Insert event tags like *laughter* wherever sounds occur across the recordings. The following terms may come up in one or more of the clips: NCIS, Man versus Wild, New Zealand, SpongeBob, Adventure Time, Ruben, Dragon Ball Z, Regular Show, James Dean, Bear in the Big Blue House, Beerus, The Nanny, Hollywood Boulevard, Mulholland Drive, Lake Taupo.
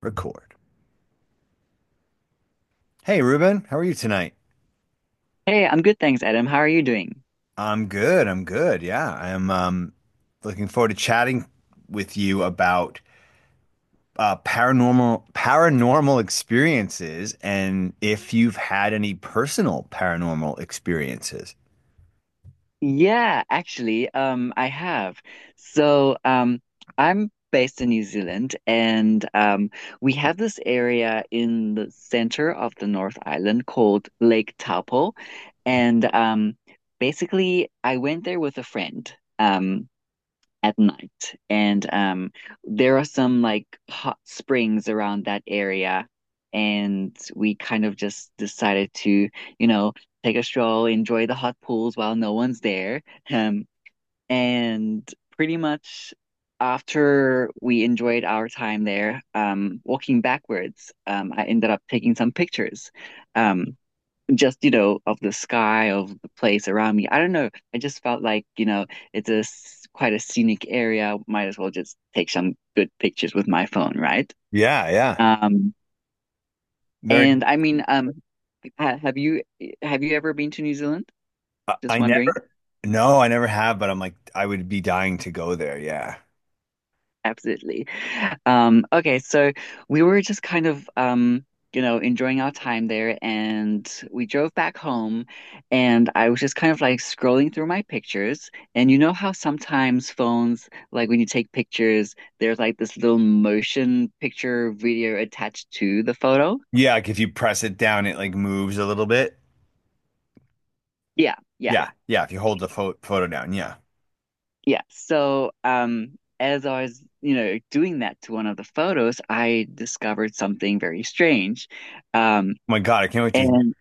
Record. Hey, Ruben, how are you tonight? Hey, I'm good, thanks, Adam. How are you doing? I'm good. I'm good. Yeah, I am looking forward to chatting with you about paranormal experiences and if you've had any personal paranormal experiences. Yeah, actually, I have. So, um, I'm based in New Zealand, and we have this area in the center of the North Island called Lake Taupo, and I went there with a friend. Um, at night. And there are some like hot springs around that area. And we kind of just decided to, you know, take a stroll, enjoy the hot pools while no one's there. Um, and pretty much after we enjoyed our time there, walking backwards, I ended up taking some pictures. Um, just, you know, of the sky, of the place around me. I don't know, I just felt like, you know, it's quite a scenic area, might as well just take some good pictures with my phone, right? Yeah, yeah. um There, and i mean um ha have you ever been to New Zealand, I just wondering? never. No, I never have. But I'm like, I would be dying to go there. Yeah. Absolutely. Okay, so we were just kind of you know, enjoying our time there, and we drove back home, and I was just kind of like scrolling through my pictures. And you know how sometimes phones, like when you take pictures, there's like this little motion picture video attached to the photo? Yeah, like if you press it down, it like moves a little bit. Yeah, yeah, Yeah, yeah. If you hold the photo down, yeah. Oh yeah. So, as I was, you know, doing that to one of the photos, I discovered something very strange. Um my God, I can't wait to. and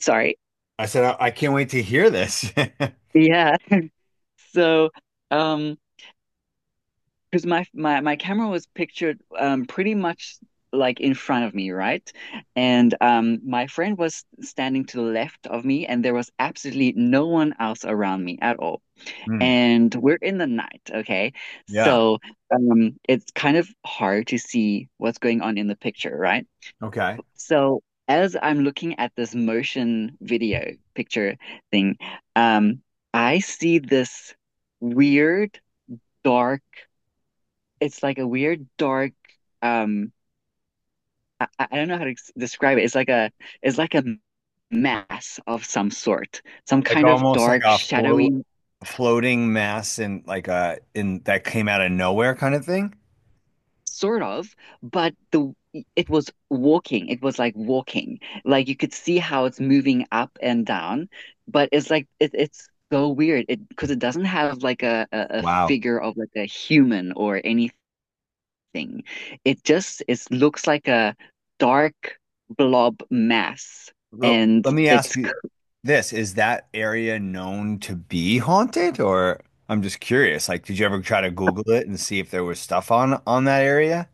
Sorry. I said, I can't wait to hear this. *laughs* Yeah. So, um, because my camera was pictured pretty much like in front of me, right? And my friend was standing to the left of me, and there was absolutely no one else around me at all. Hmm. And we're in the night, okay? Yeah. So, it's kind of hard to see what's going on in the picture, right? Okay. So, as I'm looking at this motion video picture thing, um I see this weird dark. It's like a weird dark. Um, I don't know how to describe it. It's like a mass of some sort, some Like kind of almost like dark, a shadowy floating mass in like a in that came out of nowhere kind of thing. sort of. But the it was walking. It was like walking. Like you could see how it's moving up and down. But it's like it's so weird. It because it doesn't have like a Wow. figure of like a human or any, nothing. It looks like a dark blob mass, L- and Let me ask it's you this. Is that area known to be haunted or I'm just curious. Like, did you ever try to Google it and see if there was stuff on that area?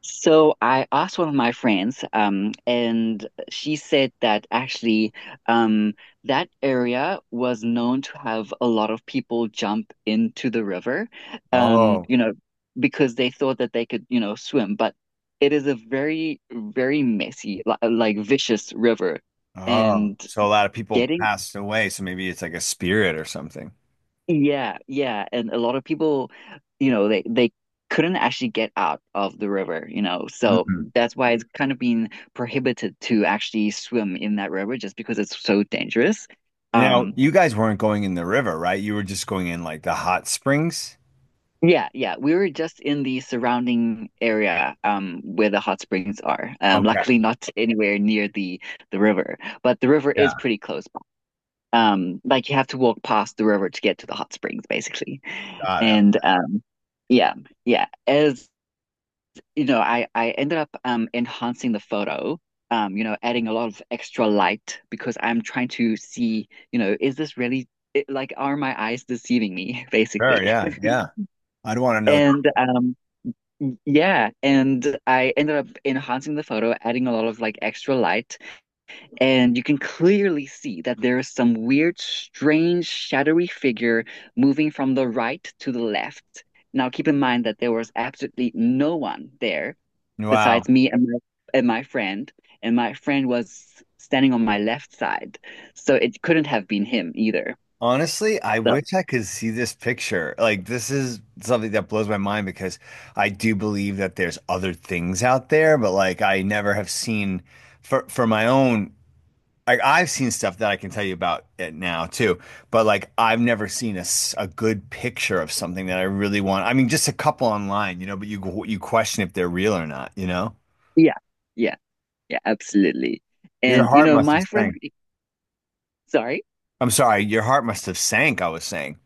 so. I asked one of my friends, and she said that actually, um, that area was known to have a lot of people jump into the river, Oh, you know, because they thought that they could, you know, swim, but. It is a very, very messy, like vicious river. oh. And So a lot of people getting, passed away, so maybe it's like a spirit or something. yeah, yeah, and a lot of people, you know, they couldn't actually get out of the river, you know, so Mhm. that's why it's kind of been prohibited to actually swim in that river just because it's so dangerous. Now, Um, you guys weren't going in the river, right? You were just going in like the hot springs. yeah, yeah, we were just in the surrounding area, where the hot springs are. Okay. Luckily not anywhere near the river, but the river Yeah. is pretty close by. Like you have to walk past the river to get to the hot springs, basically. Got it. And Yeah, yeah. As you know, I ended up enhancing the photo, you know, adding a lot of extra light, because I'm trying to see, you know, is this really it, like, are my eyes deceiving me, *laughs* Sure. basically? Yeah. Yeah. I'd want to know. And Yeah, and I ended up enhancing the photo, adding a lot of like extra light, and you can clearly see that there is some weird, strange, shadowy figure moving from the right to the left. Now, keep in mind that there was absolutely no one there Wow. besides me and my friend, and my friend was standing on my left side, so it couldn't have been him either. Honestly, I So wish I could see this picture. Like, this is something that blows my mind because I do believe that there's other things out there, but like, I never have seen for my own like I've seen stuff that I can tell you about it now too, but like I've never seen a good picture of something that I really want. I mean, just a couple online, you know, but you question if they're real or not, you know? yeah, yeah, yeah, absolutely. Your And you heart know, must have my friend, sank. sorry, I'm sorry, your heart must have sank, I was saying.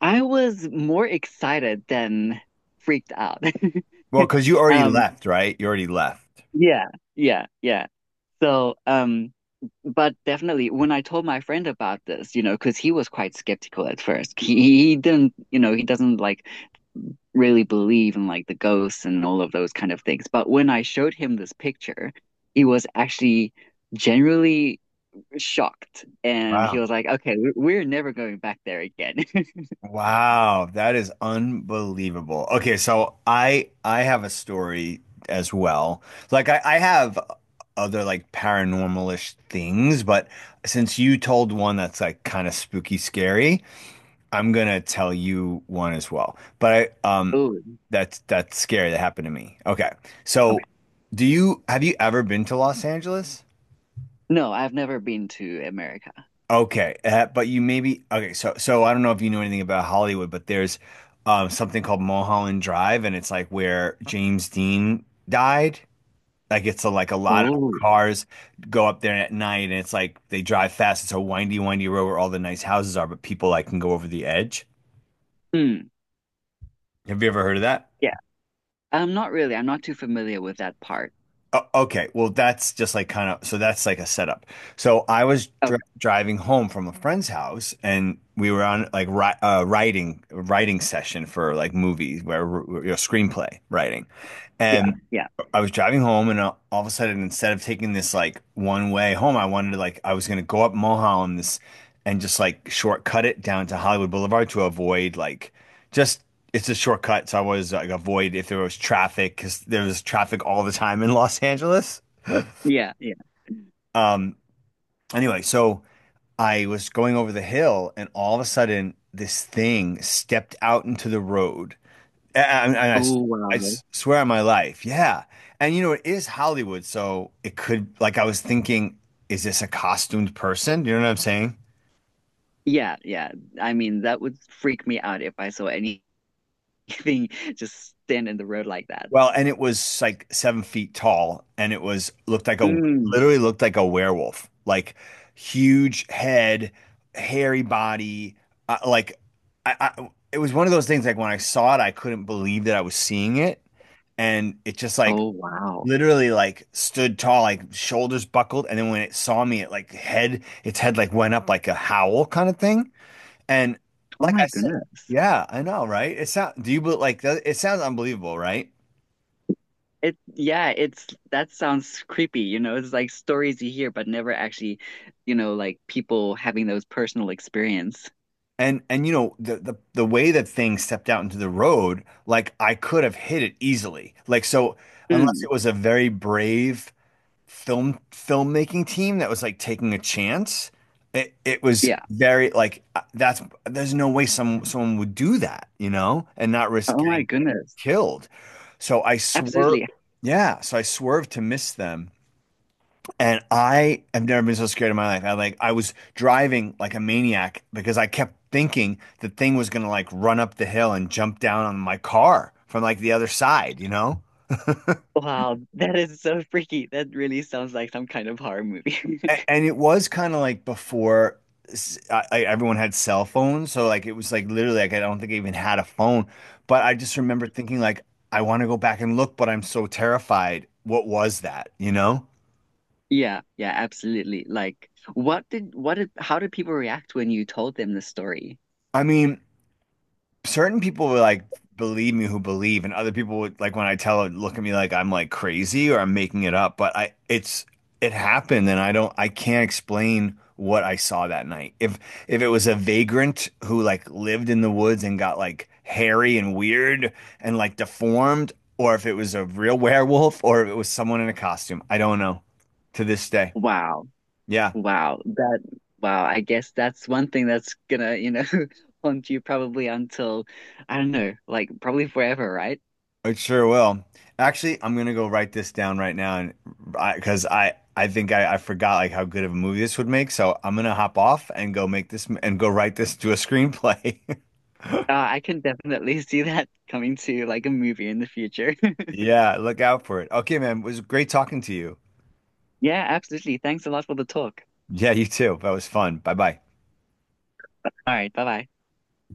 I was more excited than freaked out. *laughs* Well, because you already Um, left, right? You already left. yeah, yeah, yeah. So, but definitely when I told my friend about this, you know, because he was quite skeptical at first. He didn't, you know, he doesn't like really believe in like the ghosts and all of those kind of things. But when I showed him this picture, he was actually generally shocked. And he Wow. was like, okay, we're never going back there again. *laughs* Wow, that is unbelievable. Okay, so I have a story as well. I have other like paranormalish things, but since you told one that's like kind of spooky scary, I'm gonna tell you one as well. But I Oh, that's scary that happened to me. Okay. So do you have you ever been to Los Angeles? no, I've never been to America. Okay, but you maybe okay. So I don't know if you know anything about Hollywood, but there's something called Mulholland Drive, and it's like where James Dean died. Like it's a, like a lot of Oh, cars go up there at night, and it's like they drive fast. It's a windy, windy road where all the nice houses are, but people like can go over the edge. mm, Have you ever heard of that? yeah. I'm not really, I'm not too familiar with that part. Okay, well, that's just like kind of so that's like a setup. So I was Okay, driving home from a friend's house, and we were on like ri writing writing session for like movies where you know, screenplay writing, yeah, and. yeah, I was driving home and all of a sudden instead of taking this like one way home, I wanted to like I was gonna go up Mulholland this and just like shortcut it down to Hollywood Boulevard to avoid like just it's a shortcut so I was like avoid if there was traffic because there was traffic all the time in Los Angeles. yeah, yeah. Um anyway, so I was going over the hill and all of a sudden this thing stepped out into the road and Oh, I wow. swear on my life, yeah. And you know, it is Hollywood, so it could, like, I was thinking, is this a costumed person? You know what I'm saying? Yeah, yeah. I mean, that would freak me out if I saw anything *laughs* just stand in the road like that. Well, and it was like 7 feet tall, and it was looked like a Mm. literally looked like a werewolf, like huge head, hairy body, uh, like I. It was one of those things like when I saw it, I couldn't believe that I was seeing it, and it just like Oh, wow. literally like stood tall, like shoulders buckled, and then when it saw me, it like head like went up like a howl kind of thing. And Oh like I my said, goodness. yeah, I know, right? It sound do you it sounds unbelievable, right? It Yeah, it's that sounds creepy, you know. It's like stories you hear but never actually, you know, like people having those personal experience. And you know the way that thing stepped out into the road, like I could have hit it easily. Like so, unless Mm, it was a very brave filmmaking team that was like taking a chance. It was yeah. very like that's there's no way someone would do that, you know, and not risk Oh my getting goodness. killed. So I Absolutely. swerved. Yeah, so I swerved to miss them. And I have never been so scared in my life. I like I was driving like a maniac because I kept thinking the thing was gonna like run up the hill and jump down on my car from like the other side, you know? Wow, that is so freaky. That really sounds like some kind of horror movie. *laughs* And it was kind of like before everyone had cell phones, so like it was like literally like I don't think I even had a phone, but I just remember thinking like I want to go back and look, but I'm so terrified. What was that, you know? Yeah, yeah, absolutely. Like what did how did people react when you told them the story? I mean, certain people will like believe me who believe, and other people would like when I tell it look at me like I'm like crazy or I'm making it up. But I it's it happened, and I can't explain what I saw that night. If it was a vagrant who like lived in the woods and got like hairy and weird and like deformed, or if it was a real werewolf, or if it was someone in a costume, I don't know to this day. Wow. Yeah. Wow, that Wow, I guess that's one thing that's gonna, you know, *laughs* haunt you probably until, I don't know, like probably forever, right? It sure will. Actually, I'm gonna go write this down right now, and I because I think I forgot like how good of a movie this would make. So I'm gonna hop off and go make this m- and go write this to a screenplay. *laughs* I can definitely *laughs* see that coming to like a movie in the future. *laughs* Yeah, look out for it. Okay, man, it was great talking to you. Yeah, absolutely. Thanks a lot for the talk. Yeah, you too. That was fun. Bye bye. All right, bye bye.